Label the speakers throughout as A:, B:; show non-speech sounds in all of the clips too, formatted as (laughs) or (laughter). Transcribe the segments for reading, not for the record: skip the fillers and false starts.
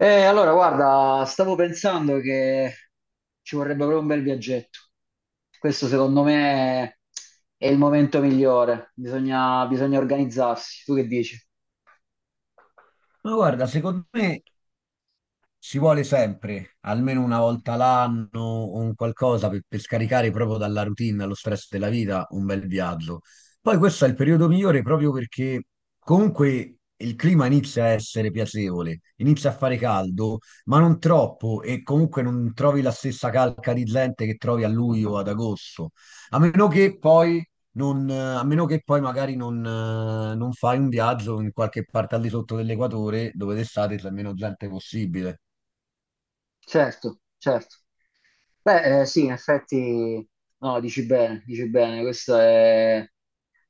A: Guarda, stavo pensando che ci vorrebbe proprio un bel viaggetto. Questo secondo me è il momento migliore. Bisogna organizzarsi. Tu che dici?
B: Ma guarda, secondo me si vuole sempre, almeno 1 volta l'anno o un qualcosa per scaricare proprio dalla routine, dallo stress della vita, un bel viaggio. Poi questo è il periodo migliore proprio perché comunque il clima inizia a essere piacevole, inizia a fare caldo, ma non troppo e comunque non trovi la stessa calca di gente che trovi a luglio o ad agosto. A meno che poi A meno che poi magari non fai un viaggio in qualche parte al di sotto dell'equatore dove d'estate c'è meno gente possibile.
A: Certo, certo. Beh, sì, in effetti, no, dici bene, questa è-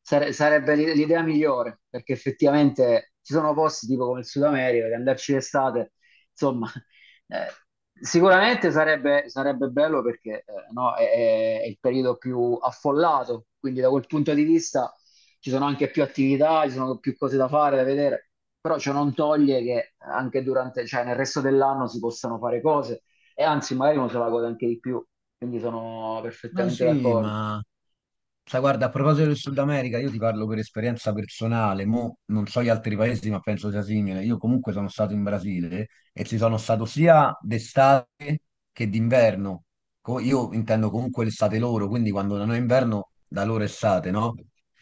A: sare- sarebbe l'idea migliore, perché effettivamente ci sono posti tipo come il Sud America, che andarci d'estate, insomma, (laughs) eh, sicuramente sarebbe bello perché no, è il periodo più affollato, quindi da quel punto di vista ci sono anche più attività, ci sono più cose da fare, da vedere, però ciò non toglie che anche durante, cioè nel resto dell'anno si possano fare cose e anzi magari uno se la gode anche di più, quindi sono
B: No,
A: perfettamente
B: sì,
A: d'accordo.
B: ma sai, guarda, a proposito del Sud America, io ti parlo per esperienza personale, mo non so gli altri paesi, ma penso sia simile. Io comunque sono stato in Brasile e ci sono stato sia d'estate che d'inverno. Io intendo comunque l'estate loro, quindi quando non è inverno, da loro è estate, no?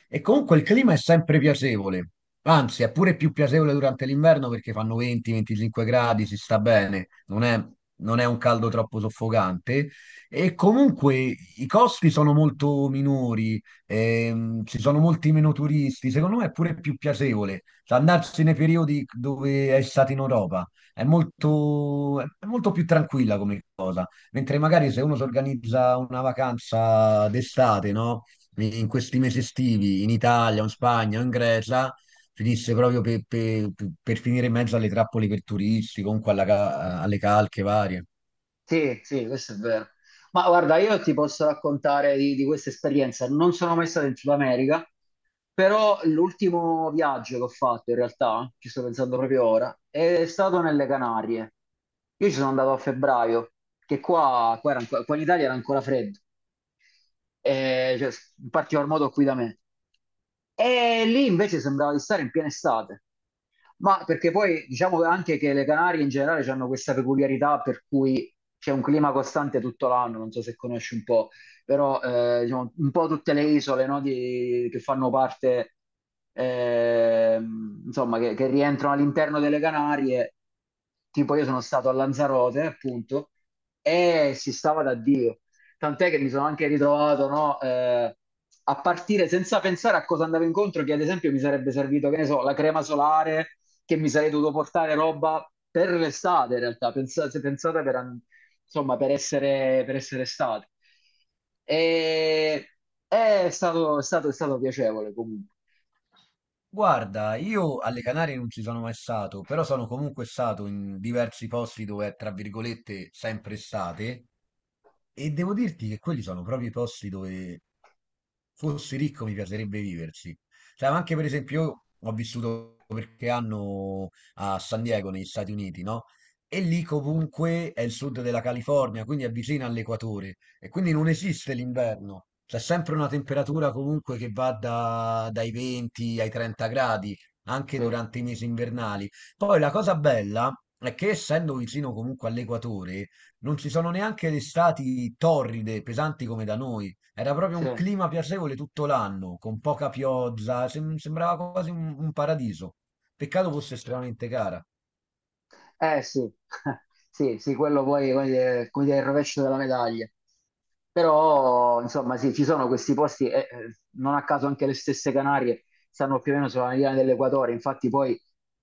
B: E comunque il clima è sempre piacevole, anzi, è pure più piacevole durante l'inverno perché fanno 20-25 gradi, si sta bene, non è un caldo troppo soffocante. E comunque i costi sono molto minori, ci sono molti meno turisti, secondo me è pure più piacevole. Cioè, andarsi nei periodi dove è stato in Europa, è molto più tranquilla come cosa, mentre magari se uno si organizza una vacanza d'estate, no? In questi mesi estivi, in Italia, o in Spagna, o in Grecia, finisce proprio per finire in mezzo alle trappole per turisti, comunque alle calche varie.
A: Sì, sì, questo è vero. Ma guarda, io ti posso raccontare di questa esperienza. Non sono mai stato in Sud America, però l'ultimo viaggio che ho fatto in realtà, ci sto pensando proprio ora, è stato nelle Canarie. Io ci sono andato a febbraio, che qua in Italia era ancora freddo. eh, cioè, In particolar modo qui da me. E lì invece sembrava di stare in piena estate, ma perché poi diciamo anche che le Canarie in generale hanno questa peculiarità per cui c'è un clima costante tutto l'anno, non so se conosci un po', però diciamo, un po' tutte le isole no, che fanno parte, insomma, che rientrano all'interno delle Canarie, tipo io sono stato a Lanzarote, appunto, e si stava da Dio. Tant'è che mi sono anche ritrovato, no, a partire senza pensare a cosa andavo incontro, che ad esempio mi sarebbe servito, che ne so, la crema solare, che mi sarei dovuto portare roba per l'estate in realtà, pensa- se pensate per, an- insomma, per essere estate. E è stato piacevole comunque.
B: Guarda, io alle Canarie non ci sono mai stato, però sono comunque stato in diversi posti dove è, tra virgolette, sempre estate, e devo dirti che quelli sono proprio i posti dove fossi ricco mi piacerebbe viverci. Cioè, ma anche per esempio, io ho vissuto qualche anno a San Diego, negli Stati Uniti, no? E lì comunque è il sud della California, quindi è vicino all'equatore. E quindi non esiste l'inverno, c'è sempre una temperatura comunque che dai 20 ai 30 gradi, anche
A: Sì,
B: durante i mesi invernali. Poi la cosa bella è che essendo vicino comunque all'equatore, non ci sono neanche le estati torride, pesanti come da noi. Era proprio un
A: sì.
B: clima piacevole tutto l'anno, con poca pioggia, sembrava quasi un paradiso. Peccato fosse estremamente cara.
A: Eh sì, (laughs) sì, sì, quello poi come dire, è il rovescio della medaglia. Però, insomma, sì, ci sono questi posti, e, non a caso anche le stesse Canarie stanno più o meno sulla mediana dell'equatore, infatti poi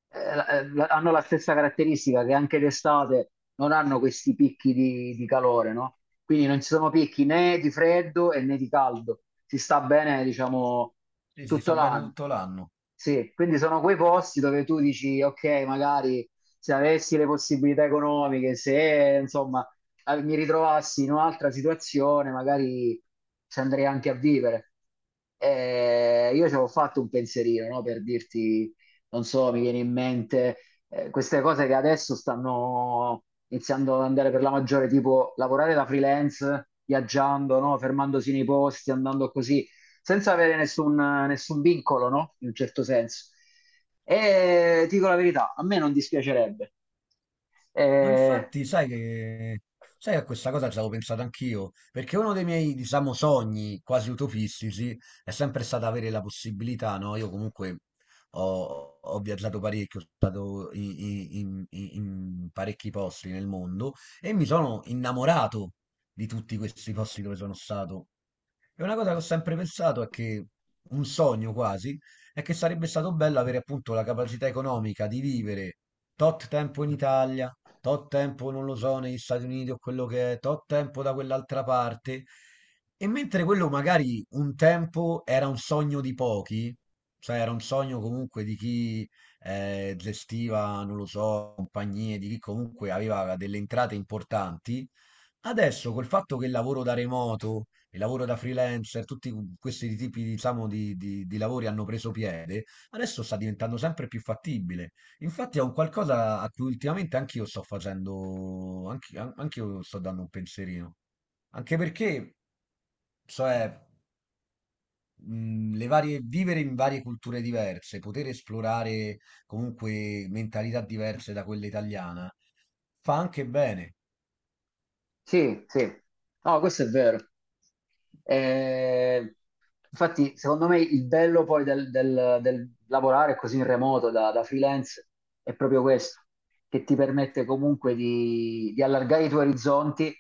A: hanno la stessa caratteristica che anche d'estate non hanno questi picchi di calore, no? Quindi non ci sono picchi né di freddo e né di caldo, si sta bene, diciamo,
B: Sì, si
A: tutto
B: sta bene
A: l'anno.
B: tutto l'anno.
A: Sì, quindi sono quei posti dove tu dici, ok, magari se avessi le possibilità economiche, se insomma mi ritrovassi in un'altra situazione, magari ci andrei anche a vivere. Io ci avevo fatto un pensierino, no? Per dirti, non so, mi viene in mente queste cose che adesso stanno iniziando ad andare per la maggiore, tipo lavorare da freelance, viaggiando, no? Fermandosi nei posti, andando così, senza avere nessun vincolo, no? In un certo senso. E ti dico la verità, a me non dispiacerebbe.
B: Ma
A: Eh,
B: infatti, sai, a questa cosa ci avevo pensato anch'io, perché uno dei miei, diciamo, sogni quasi utopistici è sempre stato avere la possibilità, no? Io comunque ho viaggiato parecchio, sono stato in parecchi posti nel mondo e mi sono innamorato di tutti questi posti dove sono stato. E una cosa che ho sempre pensato è che un sogno quasi è che sarebbe stato bello avere appunto la capacità economica di vivere tot tempo in Italia, tot tempo non lo so, negli Stati Uniti o quello che è, tot tempo da quell'altra parte. E mentre quello magari un tempo era un sogno di pochi, cioè era un sogno comunque di chi gestiva, non lo so, compagnie, di chi comunque aveva delle entrate importanti. Adesso col fatto che il lavoro da remoto, il lavoro da freelancer, tutti questi tipi, diciamo, di lavori hanno preso piede, adesso sta diventando sempre più fattibile. Infatti è un qualcosa a cui ultimamente anch'io sto facendo, anch'io sto dando un pensierino. Anche perché, cioè, le varie, vivere in varie culture diverse, poter esplorare comunque mentalità diverse da quella italiana, fa anche bene.
A: Sì, sì, no, questo è vero. Eh, Infatti, secondo me il bello poi del lavorare così in remoto da freelance è proprio questo, che ti permette comunque di allargare i tuoi orizzonti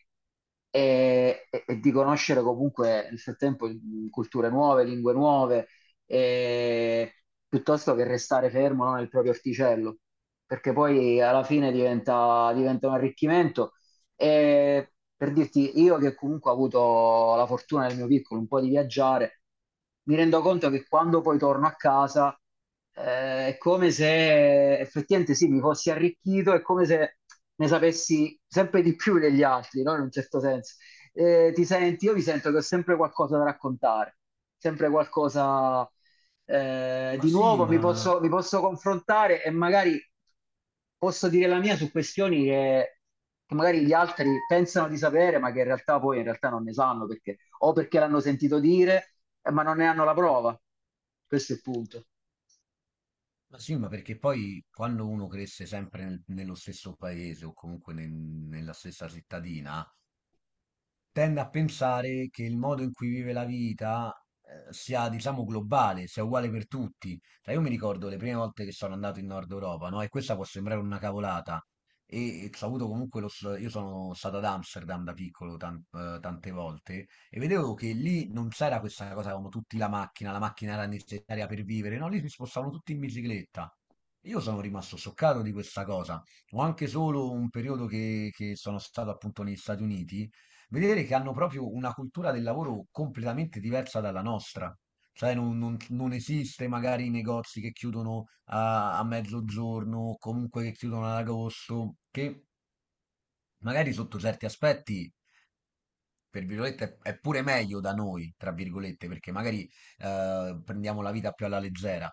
A: e, e di conoscere comunque nel frattempo culture nuove, lingue nuove, e- piuttosto che restare fermo, no, nel proprio orticello, perché poi alla fine diventa un arricchimento e per dirti, io che comunque ho avuto la fortuna nel mio piccolo un po' di viaggiare, mi rendo conto che quando poi torno a casa è come se effettivamente sì, mi fossi arricchito, è come se ne sapessi sempre di più degli altri, no? In un certo senso. Ti senti, io mi sento che ho sempre qualcosa da raccontare, sempre qualcosa
B: Ma
A: di
B: sì,
A: nuovo
B: ma.
A: mi posso confrontare e magari posso dire la mia su questioni che magari gli altri pensano di sapere, ma che in realtà non ne sanno perché o perché l'hanno sentito dire, ma non ne hanno la prova. Questo è il punto.
B: Ma sì, ma perché poi quando uno cresce sempre nello stesso paese o comunque nella stessa cittadina, tende a pensare che il modo in cui vive la vita sia, diciamo, globale, sia uguale per tutti. Cioè, io mi ricordo le prime volte che sono andato in Nord Europa, no? E questa può sembrare una cavolata. E ho avuto comunque io sono stato ad Amsterdam da piccolo tante volte e vedevo che lì non c'era questa cosa, avevano tutti la macchina era necessaria per vivere, no? Lì si spostavano tutti in bicicletta. Io sono rimasto scioccato di questa cosa. Ho anche solo un periodo che sono stato appunto negli Stati Uniti vedere che hanno proprio una cultura del lavoro completamente diversa dalla nostra. Sai, non esiste magari i negozi che chiudono a mezzogiorno, o comunque che chiudono ad agosto, che magari sotto certi aspetti per virgolette, è pure meglio da noi, tra virgolette, perché magari prendiamo la vita più alla leggera.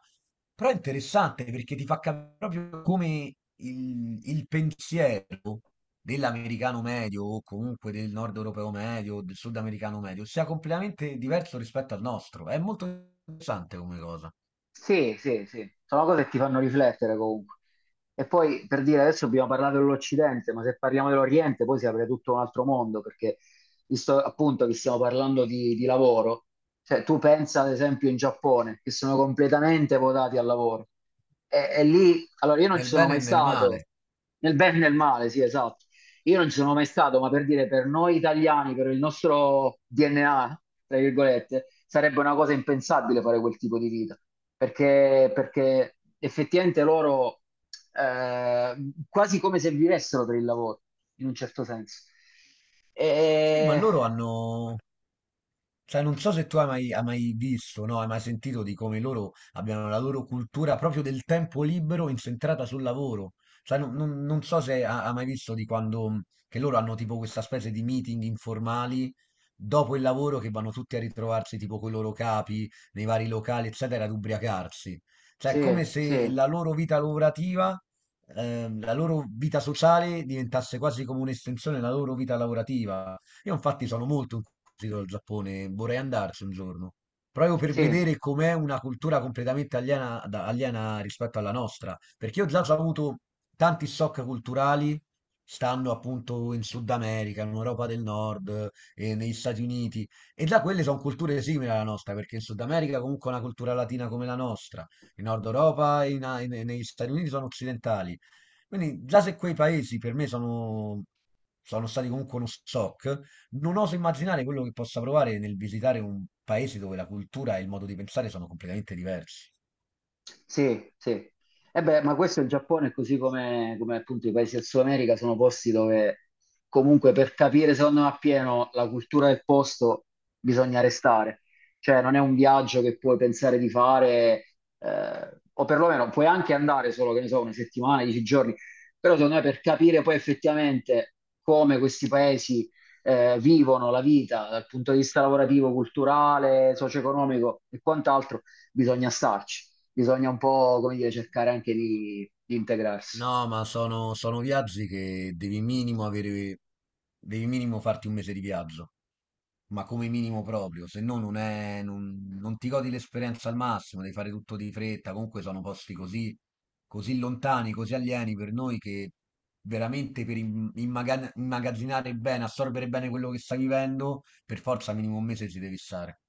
B: Però è interessante perché ti fa capire proprio come il pensiero dell'americano medio o comunque del nord europeo medio, o del sudamericano medio, sia completamente diverso rispetto al nostro. È molto interessante come cosa,
A: Sì, sì, sì, sono cose che ti fanno riflettere comunque. E poi per dire, adesso abbiamo parlato dell'Occidente, ma se parliamo dell'Oriente poi si apre tutto un altro mondo, perché visto appunto che stiamo parlando di lavoro, cioè tu pensa ad esempio in Giappone, che sono completamente votati al lavoro. E lì, allora io non ci
B: nel
A: sono
B: bene e
A: mai
B: nel male.
A: stato, nel bene e nel male, sì, esatto. Io non ci sono mai stato, ma per dire, per noi italiani, per il nostro DNA, tra virgolette, sarebbe una cosa impensabile fare quel tipo di vita, perché, perché effettivamente loro eh, quasi come se vivessero per il lavoro, in un certo senso.
B: Sì, ma
A: E,
B: loro hanno, cioè, non so se tu hai mai visto, no? Hai mai sentito di come loro abbiano la loro cultura proprio del tempo libero incentrata sul lavoro. Cioè, non so se hai mai visto di quando, che loro hanno tipo questa specie di meeting informali dopo il lavoro che vanno tutti a ritrovarsi tipo con i loro capi nei vari locali, eccetera, ad ubriacarsi. Cioè, è
A: sì,
B: come se
A: sì,
B: la loro vita lavorativa, la loro vita sociale diventasse quasi come un'estensione della loro vita lavorativa. Io infatti sono molto incuriosito dal Giappone, vorrei andarci un giorno, proprio per
A: sì.
B: vedere com'è una cultura completamente aliena, aliena rispetto alla nostra, perché io già ho avuto tanti shock culturali, stando appunto in Sud America, in Europa del Nord, negli Stati Uniti, e già quelle sono culture simili alla nostra, perché in Sud America comunque è una cultura latina come la nostra, in Nord Europa e negli Stati Uniti sono occidentali. Quindi già se quei paesi per me sono stati comunque uno shock, non oso immaginare quello che possa provare nel visitare un paese dove la cultura e il modo di pensare sono completamente diversi.
A: Sì, sì. E beh, ma questo è il Giappone, così come, come appunto i paesi del Sud America, sono posti dove comunque per capire, secondo me, appieno la cultura del posto bisogna restare. Cioè, non è un viaggio che puoi pensare di fare, o perlomeno puoi anche andare solo, che ne so, una settimana, 10 giorni, però secondo me per capire poi effettivamente come questi paesi, vivono la vita dal punto di vista lavorativo, culturale, socio-economico e quant'altro, bisogna starci, bisogna un po', come dire, cercare anche di integrarsi.
B: No, ma sono viaggi che devi minimo avere, devi minimo farti 1 mese di viaggio, ma come minimo proprio, se no non è, non, non ti godi l'esperienza al massimo, devi fare tutto di fretta, comunque sono posti così, così lontani, così alieni per noi che veramente per immagazzinare bene, assorbire bene quello che stai vivendo, per forza minimo 1 mese ci devi stare.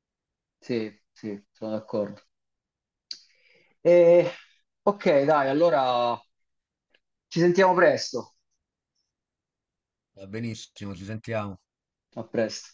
A: Sì, sì, sono d'accordo. E, ok, dai, allora ci sentiamo presto.
B: Va benissimo, ci sentiamo.
A: A presto.